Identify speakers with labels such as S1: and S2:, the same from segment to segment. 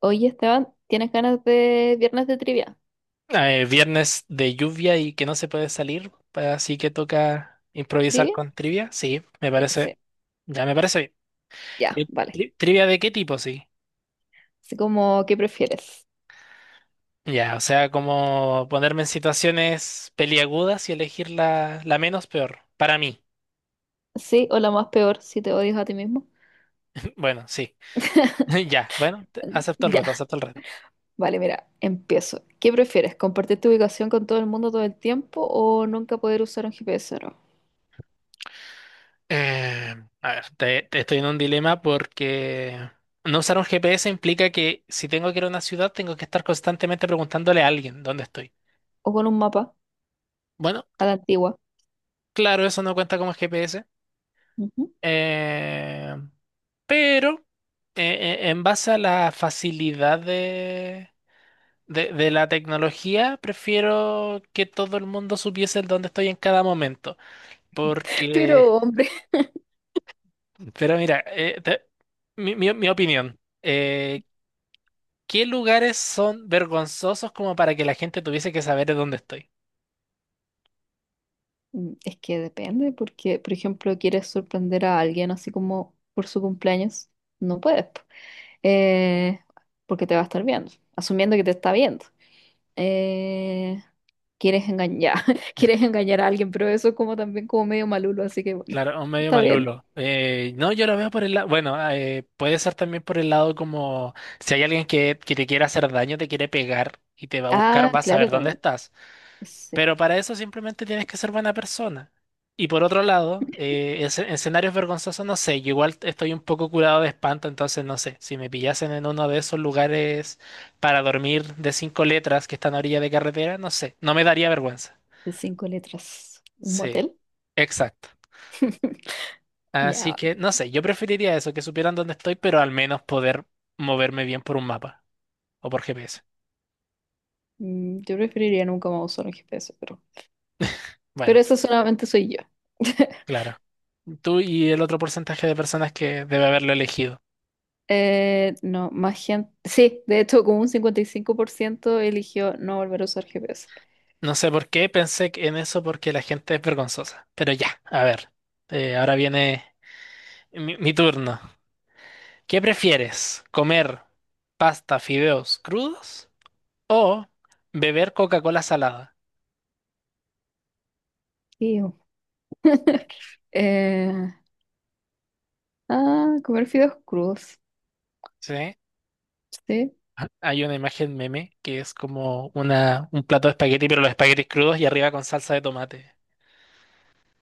S1: Oye, Esteban, ¿tienes ganas de viernes de trivia?
S2: Viernes de lluvia y que no se puede salir, así que toca improvisar
S1: ¿Trivia?
S2: con trivia. Sí, me parece,
S1: Sí,
S2: ya me parece
S1: ya,
S2: bien. Eh,
S1: vale.
S2: ¿Trivia de qué tipo? Sí.
S1: Así como, ¿qué prefieres?
S2: Ya, o sea, como ponerme en situaciones peliagudas y elegir la menos peor, para mí.
S1: Sí, o la más peor, si te odias a ti mismo.
S2: Bueno, sí. Ya, bueno,
S1: Eh,
S2: acepto el
S1: Ya,
S2: reto, acepto el reto.
S1: vale, mira, empiezo. ¿Qué prefieres? ¿Compartir tu ubicación con todo el mundo todo el tiempo o nunca poder usar un GPS, ¿no?
S2: Eh, a ver, te estoy en un dilema porque no usar un GPS implica que si tengo que ir a una ciudad, tengo que estar constantemente preguntándole a alguien dónde estoy.
S1: O con un mapa
S2: Bueno,
S1: a la antigua.
S2: claro, eso no cuenta como GPS.
S1: Ujú.
S2: eh, pero en base a la facilidad de la tecnología, prefiero que todo el mundo supiese el dónde estoy en cada momento. Porque,
S1: Pero, hombre,
S2: pero mira, mi opinión, ¿qué lugares son vergonzosos como para que la gente tuviese que saber de dónde estoy?
S1: Mm, es que depende, porque, por ejemplo, quieres sorprender a alguien así como por su cumpleaños, no puedes, po. Eh, Porque te va a estar viendo, asumiendo que te está viendo. eh, Quieres engañar, quieres engañar a alguien, pero eso es como también como medio malulo, así que bueno,
S2: Claro, un medio
S1: está bien.
S2: malulo. No, yo lo veo por el lado, bueno, puede ser también por el lado como si hay alguien que te quiere hacer daño, te quiere pegar y te va a
S1: Ah,
S2: buscar, va a
S1: claro,
S2: saber dónde
S1: también.
S2: estás.
S1: Sí,
S2: Pero para eso simplemente tienes que ser buena persona. Y por otro lado, en escenarios vergonzosos, no sé, yo igual estoy un poco curado de espanto, entonces no sé, si me pillasen en uno de esos lugares para dormir de cinco letras que están a orilla de carretera, no sé, no me daría vergüenza.
S1: de cinco letras. ¿Un
S2: Sí,
S1: motel?
S2: exacto.
S1: Ya,
S2: Así que,
S1: vale.
S2: no sé, yo preferiría eso, que supieran dónde estoy, pero al menos poder moverme bien por un mapa o por GPS.
S1: Mm, yo preferiría nunca más usar un GPS, pero
S2: Bueno,
S1: eso solamente soy yo.
S2: claro. Tú y el otro porcentaje de personas que debe haberlo elegido.
S1: No, más gente. Sí, de hecho, como un 55% eligió no volver a usar GPS.
S2: No sé por qué pensé en eso porque la gente es vergonzosa. Pero ya, a ver. Ahora viene mi turno. ¿Qué prefieres? ¿Comer pasta, fideos crudos o beber Coca-Cola salada?
S1: Iu. Eh, ah, comer fideos crudos.
S2: ¿Sí?
S1: Sí.
S2: Hay una imagen meme que es como un plato de espagueti, pero los espaguetis crudos y arriba con salsa de tomate.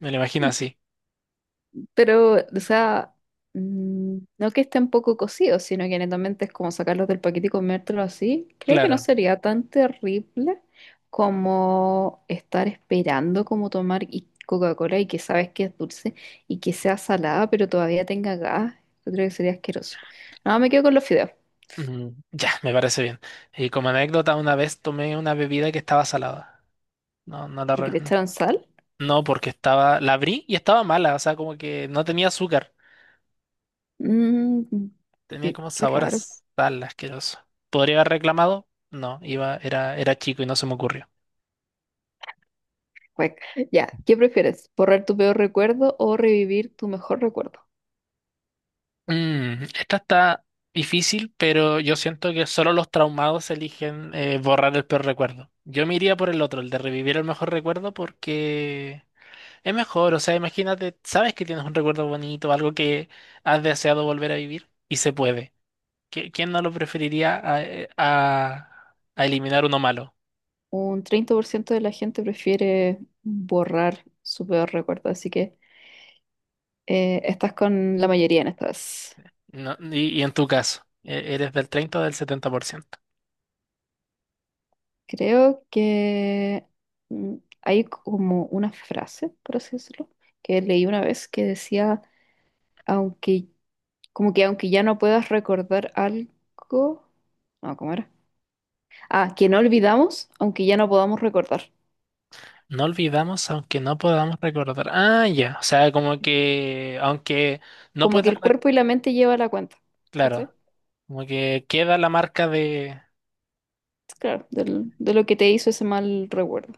S2: Me lo imagino así.
S1: Pero, o sea, no que estén poco cocidos, sino que netamente es como sacarlos del paquete y comértelo así. Creo que no
S2: Claro.
S1: sería tan terrible como estar esperando como tomar y- Coca-Cola y que sabes que es dulce y que sea salada, pero todavía tenga gas. Yo creo que sería asqueroso. No, me quedo con los fideos,
S2: Mm, ya, me parece bien. Y como anécdota, una vez tomé una bebida que estaba salada. No, no,
S1: porque le echaron sal.
S2: no, porque estaba. La abrí y estaba mala. O sea, como que no tenía azúcar.
S1: Mm,
S2: Tenía
S1: qué
S2: como
S1: qué
S2: sabor a
S1: raro.
S2: sal asqueroso. ¿Podría haber reclamado? No, era chico y no se me ocurrió.
S1: Cuec. Ya, ¿qué prefieres? ¿Borrar tu peor recuerdo o revivir tu mejor recuerdo?
S2: Mm, esta está difícil, pero yo siento que solo los traumados eligen, borrar el peor recuerdo. Yo me iría por el otro, el de revivir el mejor recuerdo, porque es mejor. O sea, imagínate, sabes que tienes un recuerdo bonito, algo que has deseado volver a vivir y se puede. ¿Quién no lo preferiría a eliminar uno malo?
S1: Un 30% de la gente prefiere borrar su peor recuerdo, así que estás con la mayoría en estas.
S2: No, y en tu caso, ¿eres del 30 o del 70%?
S1: Creo que mm, hay como una frase, por así decirlo, que leí una vez que decía, aunque, como que aunque ya no puedas recordar algo, no, ¿cómo era? Ah, que no olvidamos, aunque ya no podamos recordar.
S2: No olvidamos aunque no podamos recordar. Ah, ya. O sea, como que aunque no
S1: Como que
S2: puedas,
S1: el cuerpo y la mente llevan la cuenta,
S2: claro,
S1: ¿cachai?
S2: como que queda la marca de...
S1: Claro, del- de lo que te hizo ese mal recuerdo.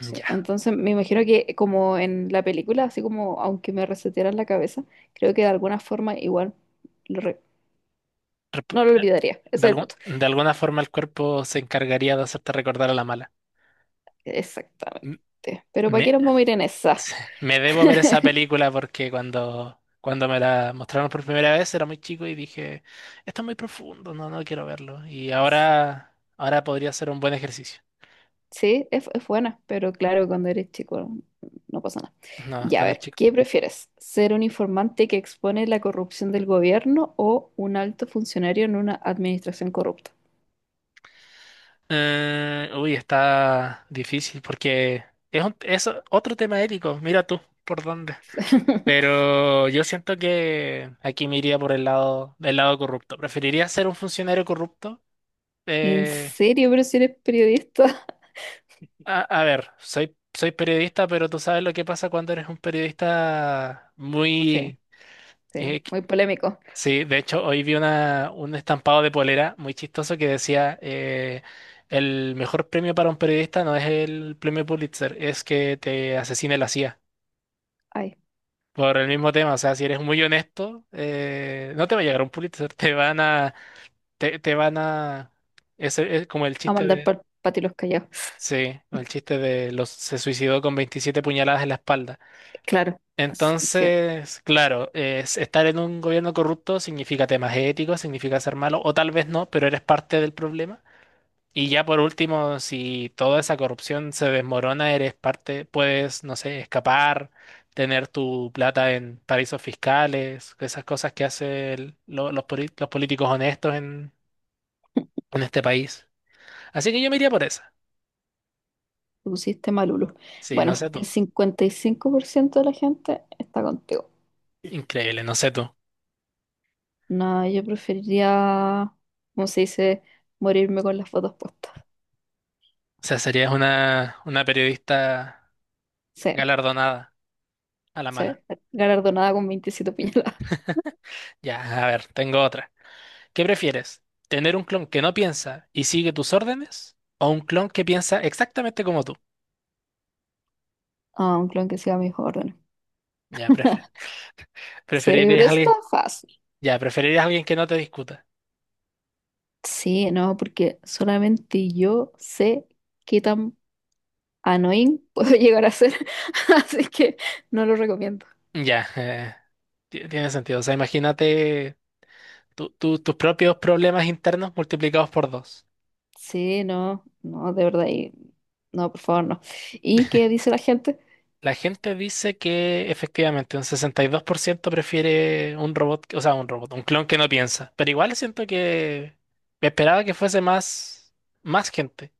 S2: Mm,
S1: Sí,
S2: ya.
S1: entonces me imagino que como en la película, así como aunque me resetearan la cabeza, creo que de alguna forma igual lo re-
S2: Rep-
S1: no lo olvidaría.
S2: De
S1: Ese es el punto.
S2: de alguna forma el cuerpo se encargaría de hacerte recordar a la mala. M-
S1: Exactamente. Pero ¿para qué
S2: Me,
S1: nos vamos a ir en esa?
S2: me debo ver esa película porque cuando me la mostraron por primera vez era muy chico y dije, esto es muy profundo, no, no quiero verlo. Y ahora, ahora podría ser un buen ejercicio.
S1: Sí, es buena, pero claro, cuando eres chico no, no pasa nada.
S2: No,
S1: Ya, a
S2: cuando
S1: ver,
S2: chico.
S1: ¿qué prefieres? ¿Ser un informante que expone la corrupción del gobierno o un alto funcionario en una administración corrupta?
S2: Uy, está difícil porque es otro tema ético, mira tú por dónde. Pero yo siento que aquí me iría por el lado del lado corrupto. ¿Preferiría ser un funcionario corrupto?
S1: ¿En
S2: Eh,
S1: serio? ¿Pero si eres periodista?
S2: a ver, soy periodista, pero tú sabes lo que pasa cuando eres un periodista muy,
S1: Sí, sí,
S2: eh,
S1: muy polémico.
S2: sí, de hecho, hoy vi un estampado de polera muy chistoso que decía, el mejor premio para un periodista no es el premio Pulitzer, es que te asesine la CIA.
S1: Ay.
S2: Por el mismo tema, o sea, si eres muy honesto, no te va a llegar un Pulitzer, te van a, te van a, es como el
S1: A
S2: chiste
S1: mandar
S2: de,
S1: para ti los callados.
S2: sí, el chiste de los, se suicidó con 27 puñaladas en la espalda.
S1: Claro, as- sí, te
S2: Entonces, claro, estar en un gobierno corrupto significa temas éticos, significa ser malo, o tal vez no, pero eres parte del problema. Y ya por último, si toda esa corrupción se desmorona, eres parte, puedes, no sé, escapar, tener tu plata en paraísos fiscales, esas cosas que hacen los políticos honestos en este país. Así que yo me iría por esa.
S1: pusiste malulo.
S2: Sí, no
S1: Bueno,
S2: sé
S1: el
S2: tú.
S1: 55% de la gente está contigo.
S2: Increíble, no sé tú. O
S1: No, yo preferiría, como se dice, morirme con las fotos puestas.
S2: sea, serías una periodista
S1: Sí,
S2: galardonada a la
S1: sí,
S2: mala.
S1: galardonada con 27 puñaladas.
S2: Ya, a ver, tengo otra. ¿Qué prefieres? ¿Tener un clon que no piensa y sigue tus órdenes? ¿O un clon que piensa exactamente como tú?
S1: A un clon que siga mis órdenes.
S2: Ya,
S1: Sí, pero
S2: preferirías a
S1: eso está
S2: alguien.
S1: fácil.
S2: Ya, preferirías a alguien que no te discuta.
S1: Sí, no, porque solamente yo sé qué tan annoying puedo llegar a ser, así que no lo recomiendo.
S2: Ya, tiene sentido. O sea, imagínate tus propios problemas internos multiplicados por dos.
S1: Sí, no, no, de verdad, y- no, por favor, no. ¿Y qué dice la gente?
S2: La gente dice que efectivamente un 62% prefiere un robot, o sea, un robot, un clon que no piensa. Pero igual siento que me esperaba que fuese más, más gente.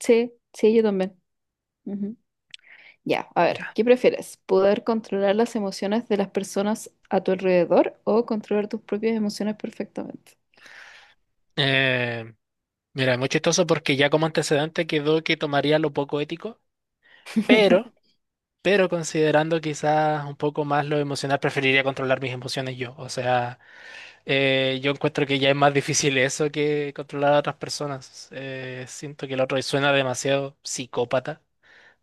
S1: Sí, sí, yo también. Ujú. Ya, a ver,
S2: Ya.
S1: ¿qué prefieres? ¿Poder controlar las emociones de las personas a tu alrededor o controlar tus propias emociones perfectamente?
S2: Eh, Mira, muy chistoso porque ya como antecedente quedó que tomaría lo poco ético, pero, pero considerando quizás un poco más lo emocional, preferiría controlar mis emociones yo. O sea, yo encuentro que ya es más difícil eso que controlar a otras personas. Siento que el otro suena demasiado psicópata,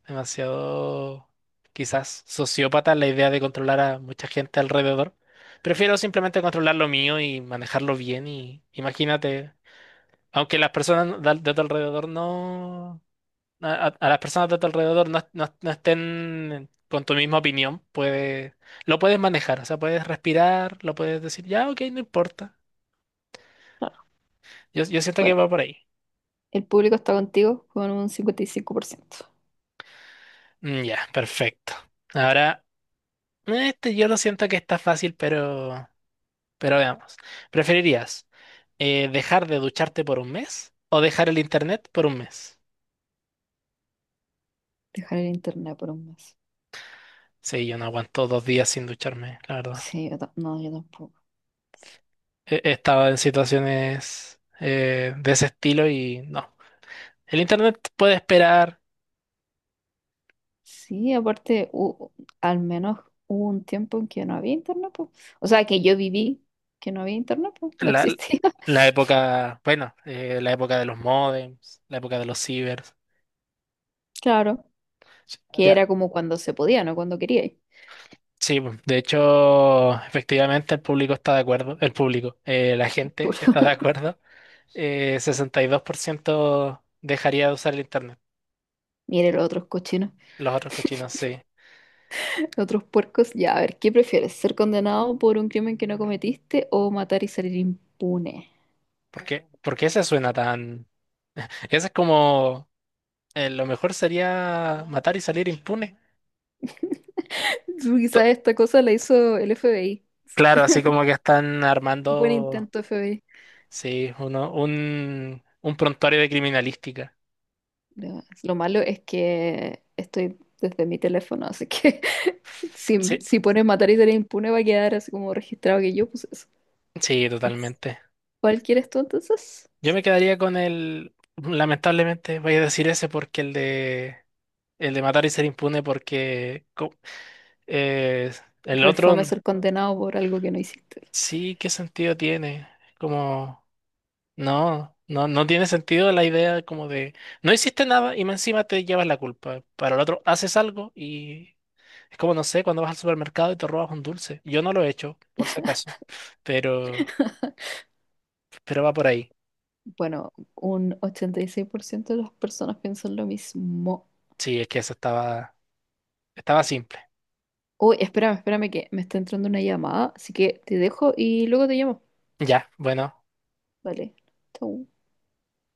S2: demasiado quizás sociópata la idea de controlar a mucha gente alrededor. Prefiero simplemente controlar lo mío y manejarlo bien y imagínate. Aunque las personas no, de tu alrededor no. A las personas de tu alrededor no, no estén con tu misma opinión, puede, lo puedes manejar. O sea, puedes respirar, lo puedes decir, ya, ok, no importa.
S1: Claro.
S2: Yo siento que
S1: Bueno,
S2: va por ahí.
S1: el público está contigo con un 55%.
S2: Mm, ya, perfecto. Ahora, este yo lo siento que está fácil, pero veamos. ¿Preferirías dejar de ducharte por un mes o dejar el internet por un mes?
S1: Dejar el internet por 1 mes.
S2: Sí, yo no aguanto 2 días sin ducharme, la verdad.
S1: Sí, yo ta- no, yo tampoco.
S2: he estado en situaciones de ese estilo y no. El internet puede esperar
S1: Sí, aparte, hu- al menos hubo un tiempo en que no había internet, po. O sea, que yo viví que no había internet, po. No
S2: la,
S1: existía.
S2: la época, bueno, la época de los modems, la época de los cibers.
S1: Claro, que
S2: Ya,
S1: era como cuando se podía, no cuando quería.
S2: sí, pues, de hecho, efectivamente el público está de acuerdo, el público, la gente
S1: Puro.
S2: está de acuerdo. 62% dejaría de usar el internet.
S1: Mire los otros cochinos,
S2: Los otros cochinos sí.
S1: los otros puercos. Ya, a ver, ¿qué prefieres? ¿Ser condenado por un crimen que no cometiste o matar y salir impune?
S2: ¿Por qué? ¿Por qué se suena tan? Ese es como, lo mejor sería matar y salir impune.
S1: Tú, quizás esta cosa la hizo el FBI.
S2: Claro, así como que están
S1: Buen
S2: armando,
S1: intento, FBI.
S2: sí, un prontuario de criminalística.
S1: Lo malo es que estoy desde mi teléfono, así que si,
S2: Sí,
S1: si pones matar y ser impune, va a quedar así como registrado que yo puse eso.
S2: sí,
S1: Así.
S2: totalmente.
S1: ¿Cuál quieres tú entonces?
S2: Yo me quedaría con el, lamentablemente voy a decir ese porque el de matar y ser impune porque eh, el otro,
S1: Refuame ser condenado por algo que no hiciste.
S2: sí, ¿qué sentido tiene? Como, no, no, no tiene sentido la idea como de, no hiciste nada y más encima te llevas la culpa. Para el otro, haces algo. Es como, no sé, cuando vas al supermercado y te robas un dulce. Yo no lo he hecho, por si acaso, pero, pero va por ahí.
S1: Bueno, un 86% de las personas piensan lo mismo.
S2: Sí, es que eso estaba simple.
S1: Uy, espérame, espérame que me está entrando una llamada, así que te dejo y luego te llamo.
S2: Ya, bueno.
S1: Vale, chau.